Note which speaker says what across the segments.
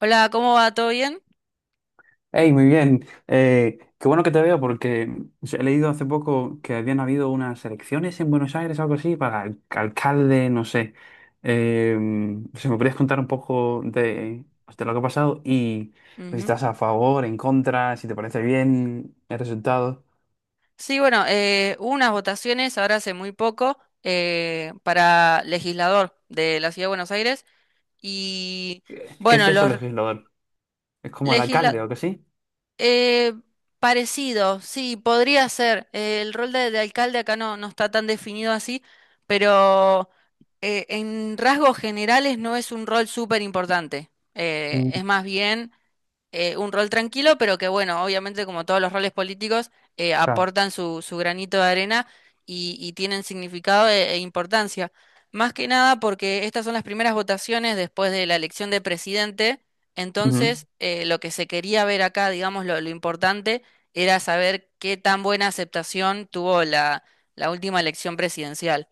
Speaker 1: Hola, ¿cómo va? ¿Todo bien?
Speaker 2: Hey, muy bien. Qué bueno que te veo porque he leído hace poco que habían habido unas elecciones en Buenos Aires, algo así, para alcalde, no sé. Eh, si me podrías contar un poco de, pues, de lo que ha pasado y si
Speaker 1: Ujú.
Speaker 2: estás a favor, en contra, si te parece bien el resultado.
Speaker 1: Sí, bueno, hubo unas votaciones ahora hace muy poco para legislador de la Ciudad de Buenos Aires y
Speaker 2: ¿Qué es
Speaker 1: bueno,
Speaker 2: eso,
Speaker 1: los
Speaker 2: legislador? ¿Es como el alcalde o
Speaker 1: legisladores...
Speaker 2: algo así?
Speaker 1: parecido, sí, podría ser. El rol de alcalde acá no, no está tan definido así, pero en rasgos generales no es un rol súper importante.
Speaker 2: Mm,
Speaker 1: Es más bien un rol tranquilo, pero que bueno, obviamente como todos los roles políticos,
Speaker 2: Claro.
Speaker 1: aportan su, su granito de arena y tienen significado e, e importancia. Más que nada porque estas son las primeras votaciones después de la elección de presidente, entonces lo que se quería ver acá, digamos, lo importante era saber qué tan buena aceptación tuvo la, la última elección presidencial.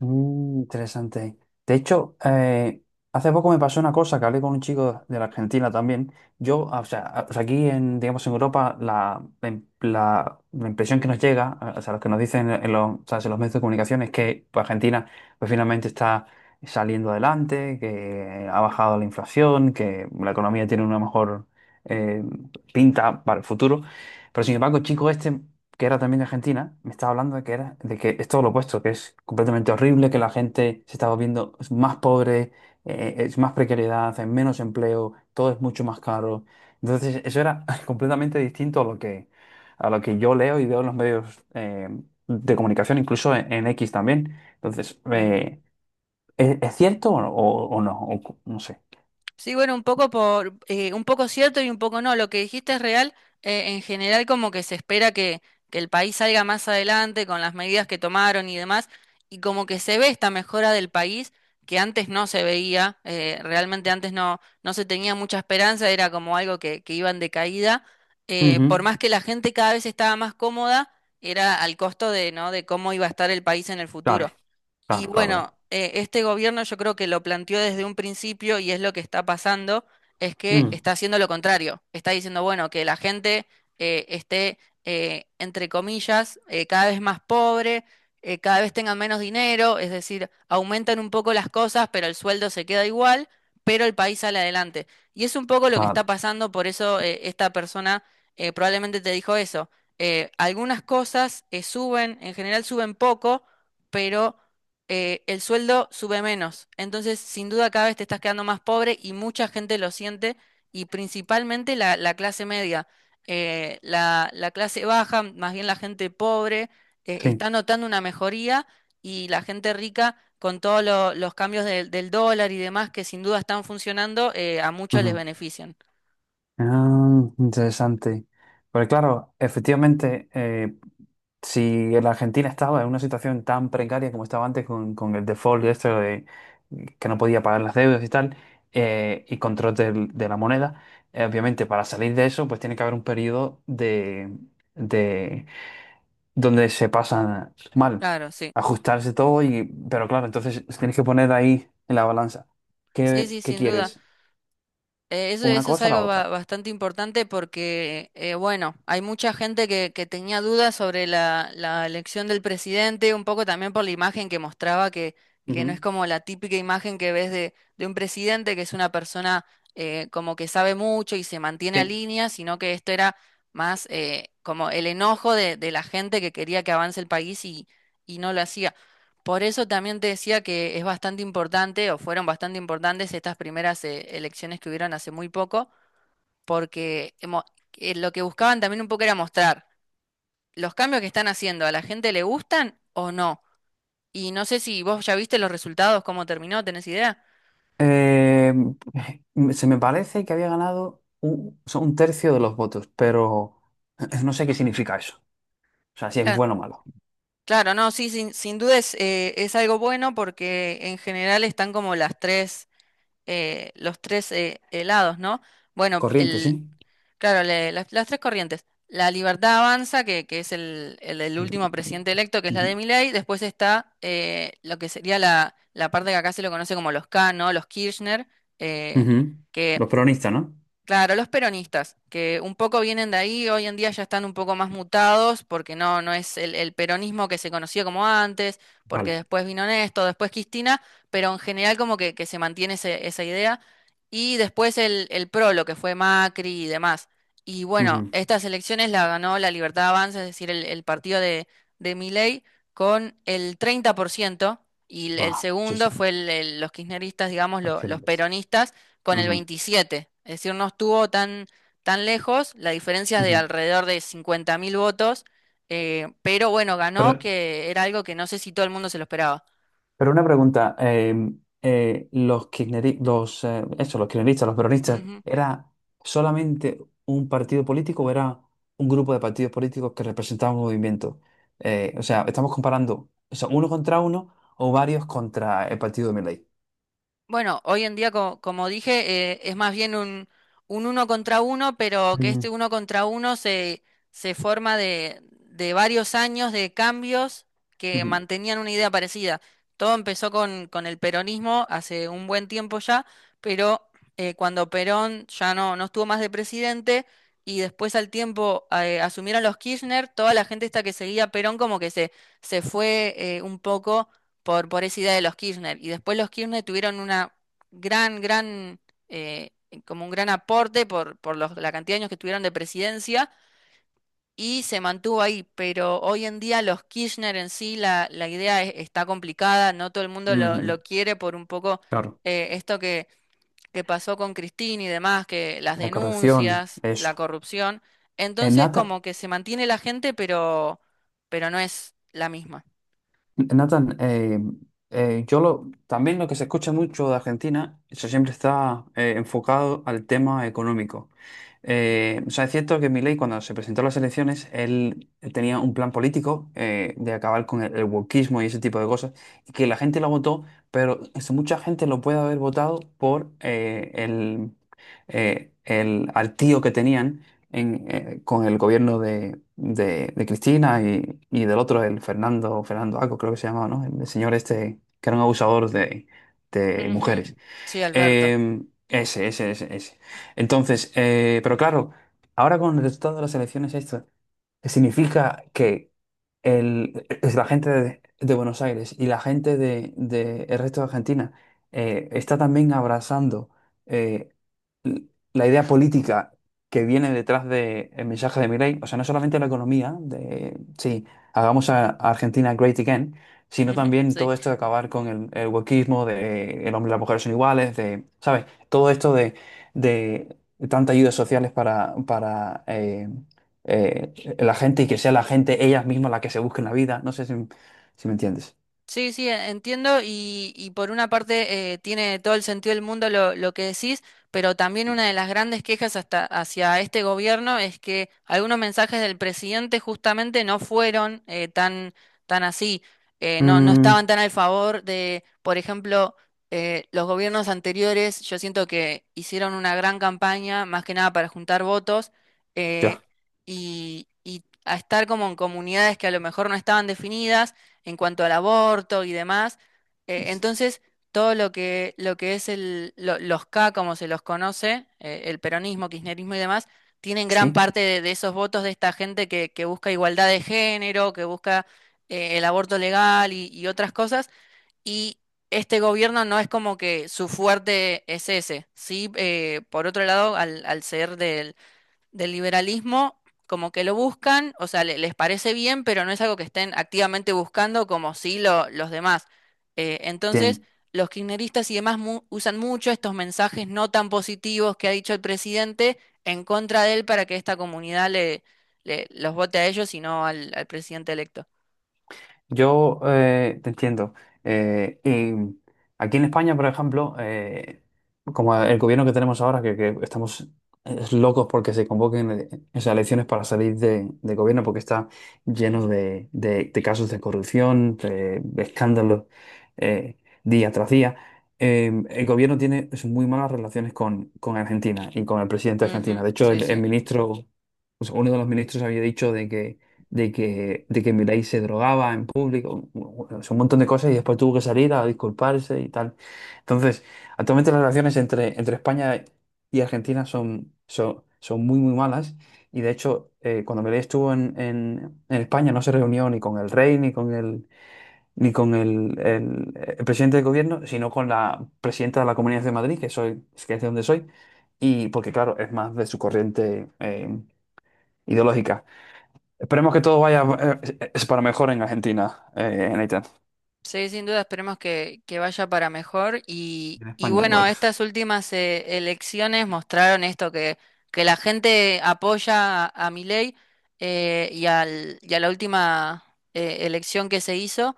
Speaker 2: Mm, interesante. De hecho, hace poco me pasó una cosa que hablé con un chico de la Argentina también. Yo, o sea, o sea, aquí en, digamos, en Europa, la, la, la impresión que nos llega, o sea, lo que nos dicen en los, o sea, en los medios de comunicación es que pues, Argentina pues, finalmente está saliendo adelante, que ha bajado la inflación, que la economía tiene una mejor eh, pinta para el futuro. Pero sin embargo, el chico este que era también de Argentina, me estaba hablando de que era, de que es todo lo opuesto, que es completamente horrible, que la gente se está volviendo más pobre, es más precariedad, hay menos empleo, todo es mucho más caro. Entonces, eso era completamente distinto a lo que yo leo y veo en los medios de comunicación, incluso en X también. Entonces, ¿es cierto o, o no? O no sé.
Speaker 1: Sí, bueno, un poco por, un poco cierto y un poco no. Lo que dijiste es real. En general, como que se espera que el país salga más adelante con las medidas que tomaron y demás, y como que se ve esta mejora del país que antes no se veía. Realmente antes no, no se tenía mucha esperanza, era como algo que iba en decaída. Por
Speaker 2: Ujú.
Speaker 1: más que la gente cada vez estaba más cómoda, era al costo de, ¿no? De cómo iba a estar el país en el
Speaker 2: Claro,
Speaker 1: futuro. Y
Speaker 2: claro, claro.
Speaker 1: bueno, este gobierno yo creo que lo planteó desde un principio y es lo que está pasando, es que
Speaker 2: Mm,
Speaker 1: está haciendo lo contrario. Está diciendo, bueno, que la gente esté, entre comillas, cada vez más pobre, cada vez tengan menos dinero, es decir, aumentan un poco las cosas, pero el sueldo se queda igual, pero el país sale adelante. Y es un poco lo que está
Speaker 2: claro,
Speaker 1: pasando, por eso esta persona probablemente te dijo eso. Algunas cosas suben, en general suben poco, pero el sueldo sube menos. Entonces, sin duda, cada vez te estás quedando más pobre y mucha gente lo siente, y principalmente la, la clase media. La, la clase baja, más bien la gente pobre,
Speaker 2: sí.
Speaker 1: está notando una mejoría y la gente rica, con todos los cambios del dólar y demás que sin duda están funcionando, a muchos les benefician.
Speaker 2: Ah, interesante. Porque claro, efectivamente, si la Argentina estaba en una situación tan precaria como estaba antes con el default y esto de que no podía pagar las deudas y tal, y control de la moneda, obviamente para salir de eso, pues tiene que haber un periodo de donde se pasa mal,
Speaker 1: Claro, sí.
Speaker 2: ajustarse todo y, pero claro, entonces tienes que poner ahí en la balanza.
Speaker 1: Sí,
Speaker 2: ¿Qué,
Speaker 1: sí,
Speaker 2: qué
Speaker 1: sin duda.
Speaker 2: quieres? ¿Una
Speaker 1: Eso es
Speaker 2: cosa o la
Speaker 1: algo
Speaker 2: otra?
Speaker 1: bastante importante porque, bueno, hay mucha gente que tenía dudas sobre la, la elección del presidente, un poco también por la imagen que mostraba, que no es
Speaker 2: Ujú.
Speaker 1: como la típica imagen que ves de un presidente, que es una persona como que sabe mucho y se mantiene a
Speaker 2: Sí.
Speaker 1: línea, sino que esto era más como el enojo de la gente que quería que avance el país y no lo hacía. Por eso también te decía que es bastante importante, o fueron bastante importantes estas primeras elecciones que hubieron hace muy poco, porque lo que buscaban también un poco era mostrar los cambios que están haciendo, ¿a la gente le gustan o no? Y no sé si vos ya viste los resultados, cómo terminó, ¿tenés idea?
Speaker 2: Eh, Se me parece que había ganado un, o sea, un tercio de los votos, pero no sé qué significa eso. O sea, si es
Speaker 1: Claro,
Speaker 2: bueno o malo.
Speaker 1: claro, no, sí, sin, sin duda es algo bueno porque en general están como las tres, los tres helados, ¿no? Bueno,
Speaker 2: Corriente, sí.
Speaker 1: claro, las tres corrientes. La Libertad Avanza, que es el
Speaker 2: Eh,
Speaker 1: último presidente electo, que es la de
Speaker 2: ujú.
Speaker 1: Milei. Después está lo que sería la, la parte que acá se lo conoce como los K, ¿no? Los Kirchner, eh,
Speaker 2: Ujú.
Speaker 1: que
Speaker 2: Los peronistas, ¿no?
Speaker 1: claro, los peronistas, que un poco vienen de ahí, hoy en día ya están un poco más mutados, porque no, no es el peronismo que se conocía como antes, porque
Speaker 2: Vale.
Speaker 1: después vino Néstor, después Cristina, pero en general como que se mantiene esa idea, y después el PRO, lo que fue Macri y demás. Y bueno,
Speaker 2: Ujú.
Speaker 1: estas elecciones la ganó la Libertad Avanza, es decir, el partido de Milei, con el 30%, y
Speaker 2: Va,
Speaker 1: el
Speaker 2: sí,
Speaker 1: segundo
Speaker 2: sí.
Speaker 1: fue los kirchneristas, digamos,
Speaker 2: Los
Speaker 1: los
Speaker 2: kirchneristas.
Speaker 1: peronistas con el
Speaker 2: Ujú.
Speaker 1: 27. Es decir, no estuvo tan, tan lejos, la diferencia es de
Speaker 2: Ujú.
Speaker 1: alrededor de 50.000 votos, pero bueno,
Speaker 2: Pero
Speaker 1: ganó, que era algo que no sé si todo el mundo se lo esperaba.
Speaker 2: Pero una pregunta, los los, eso, los kirchneristas, los peronistas, ¿era solamente un partido político o era un grupo de partidos políticos que representaban un movimiento? O sea, estamos comparando, o sea, uno contra uno o varios contra el partido de Milei.
Speaker 1: Bueno, hoy en día, como dije, es más bien un uno contra uno, pero que este
Speaker 2: Mm,
Speaker 1: uno contra uno se, se forma de varios años de cambios que
Speaker 2: ujú,
Speaker 1: mantenían una idea parecida. Todo empezó con el peronismo hace un buen tiempo ya, pero cuando Perón ya no, no estuvo más de presidente y después al tiempo asumieron los Kirchner, toda la gente esta que seguía a Perón como que se fue un poco por esa idea de los Kirchner. Y después los Kirchner tuvieron una gran, gran, eh, como un gran aporte por, por la cantidad de años que tuvieron de presidencia y se mantuvo ahí. Pero hoy en día los Kirchner en sí, la idea está complicada, no todo el mundo
Speaker 2: ujú.
Speaker 1: lo quiere por un poco
Speaker 2: Claro,
Speaker 1: esto que pasó con Cristina y demás, que las
Speaker 2: la corrección,
Speaker 1: denuncias, la
Speaker 2: eso.
Speaker 1: corrupción.
Speaker 2: En
Speaker 1: Entonces
Speaker 2: Nata,
Speaker 1: como que se mantiene la gente, pero no es la misma.
Speaker 2: Nathan, yo lo, también lo que se escucha mucho de Argentina, eso siempre está enfocado al tema económico. O sea, es cierto que Milei, cuando se presentó a las elecciones, él tenía un plan político de acabar con el wokismo y ese tipo de cosas, y que la gente lo votó, pero mucha gente lo puede haber votado por el, al tío que tenían en, con el gobierno de, de Cristina y del otro, el Fernando, Fernando Aco, creo que se llamaba, ¿no? El, señor este, que era un abusador de
Speaker 1: Ujú.
Speaker 2: mujeres.
Speaker 1: Sí, Alberto.
Speaker 2: Eh, ese, ese, ese, ese. Entonces, pero claro, ahora con el resultado de las elecciones, esto significa que el, es la gente de Buenos Aires y la gente de el resto de Argentina está también abrazando eh, l- la idea política que viene detrás del mensaje de Milei, o sea, no solamente la economía, de sí, hagamos a Argentina great again, sino también
Speaker 1: Sí.
Speaker 2: todo esto de acabar con el wokeísmo, de el hombre y la mujer son iguales, de, ¿sabes? Todo esto de tantas ayudas sociales para la gente y que sea la gente ellas mismas la que se busque en la vida. No sé si, si me entiendes.
Speaker 1: Sí, sí, entiendo y por una parte tiene todo el sentido del mundo lo que decís, pero también una de las grandes quejas hasta hacia este gobierno es que algunos mensajes del presidente justamente no fueron tan, tan así, no, no
Speaker 2: Mm,
Speaker 1: estaban tan al favor de, por ejemplo, los gobiernos anteriores, yo siento que hicieron una gran campaña, más que nada para juntar votos, eh,
Speaker 2: ya.
Speaker 1: y a estar como en comunidades que a lo mejor no estaban definidas en cuanto al aborto y demás. Entonces, todo lo que es el, los K, como se los conoce, el peronismo, kirchnerismo y demás, tienen gran
Speaker 2: ¿Sí?
Speaker 1: parte de esos votos de esta gente que busca igualdad de género, que busca el aborto legal y otras cosas. Y este gobierno no es como que su fuerte es ese. Sí, por otro lado, al, al ser del liberalismo como que lo buscan, o sea, les parece bien, pero no es algo que estén activamente buscando como sí los demás.
Speaker 2: Te,
Speaker 1: Entonces, los kirchneristas y demás usan mucho estos mensajes no tan positivos que ha dicho el presidente en contra de él para que esta comunidad los vote a ellos y no al, al presidente electo.
Speaker 2: yo te entiendo. Y aquí en España, por ejemplo, como el gobierno que tenemos ahora, que estamos locos porque se convoquen esas elecciones para salir de gobierno, porque está lleno
Speaker 1: Ujú.
Speaker 2: de, de casos de corrupción, de escándalos eh, día tras día. El gobierno tiene es, muy malas relaciones con Argentina y con el presidente de Argentina.
Speaker 1: Ujú,
Speaker 2: De hecho,
Speaker 1: sí,
Speaker 2: el
Speaker 1: sí.
Speaker 2: ministro, o sea, uno de los ministros había dicho de que de que Milei se drogaba en público, bueno, es un montón de cosas y después tuvo que salir a disculparse y tal. Entonces, actualmente las relaciones entre, entre España y Argentina son, son, son muy, muy malas y de hecho, cuando Milei estuvo en España no se reunió ni con el rey, ni con el, ni con el, el presidente del gobierno, sino con la presidenta de la Comunidad de Madrid, que, soy, que es de donde soy, y porque claro, es más de su corriente ideológica. Esperemos que todo vaya es para mejor en Argentina, en Haití.
Speaker 1: Sí, sin duda esperemos que vaya para mejor.
Speaker 2: En
Speaker 1: Y
Speaker 2: España
Speaker 1: bueno,
Speaker 2: igual.
Speaker 1: estas últimas elecciones mostraron esto, que la gente apoya a Milei y, al, y a la última elección que se hizo,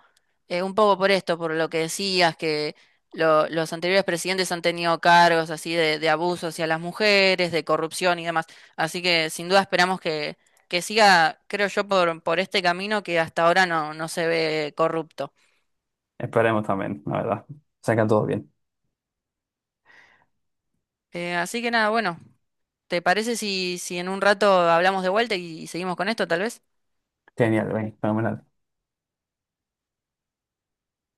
Speaker 1: un poco por esto, por lo que decías, que los anteriores presidentes han tenido cargos así de abuso hacia las mujeres, de corrupción y demás. Así que sin duda esperamos que siga, creo yo, por este camino que hasta ahora no, no se ve corrupto.
Speaker 2: Esperemos también, la verdad. Sacan todo bien.
Speaker 1: Así que nada, bueno, ¿te parece si, si en un rato hablamos de vuelta y seguimos con esto, tal vez?
Speaker 2: Genial, bien, fenomenal.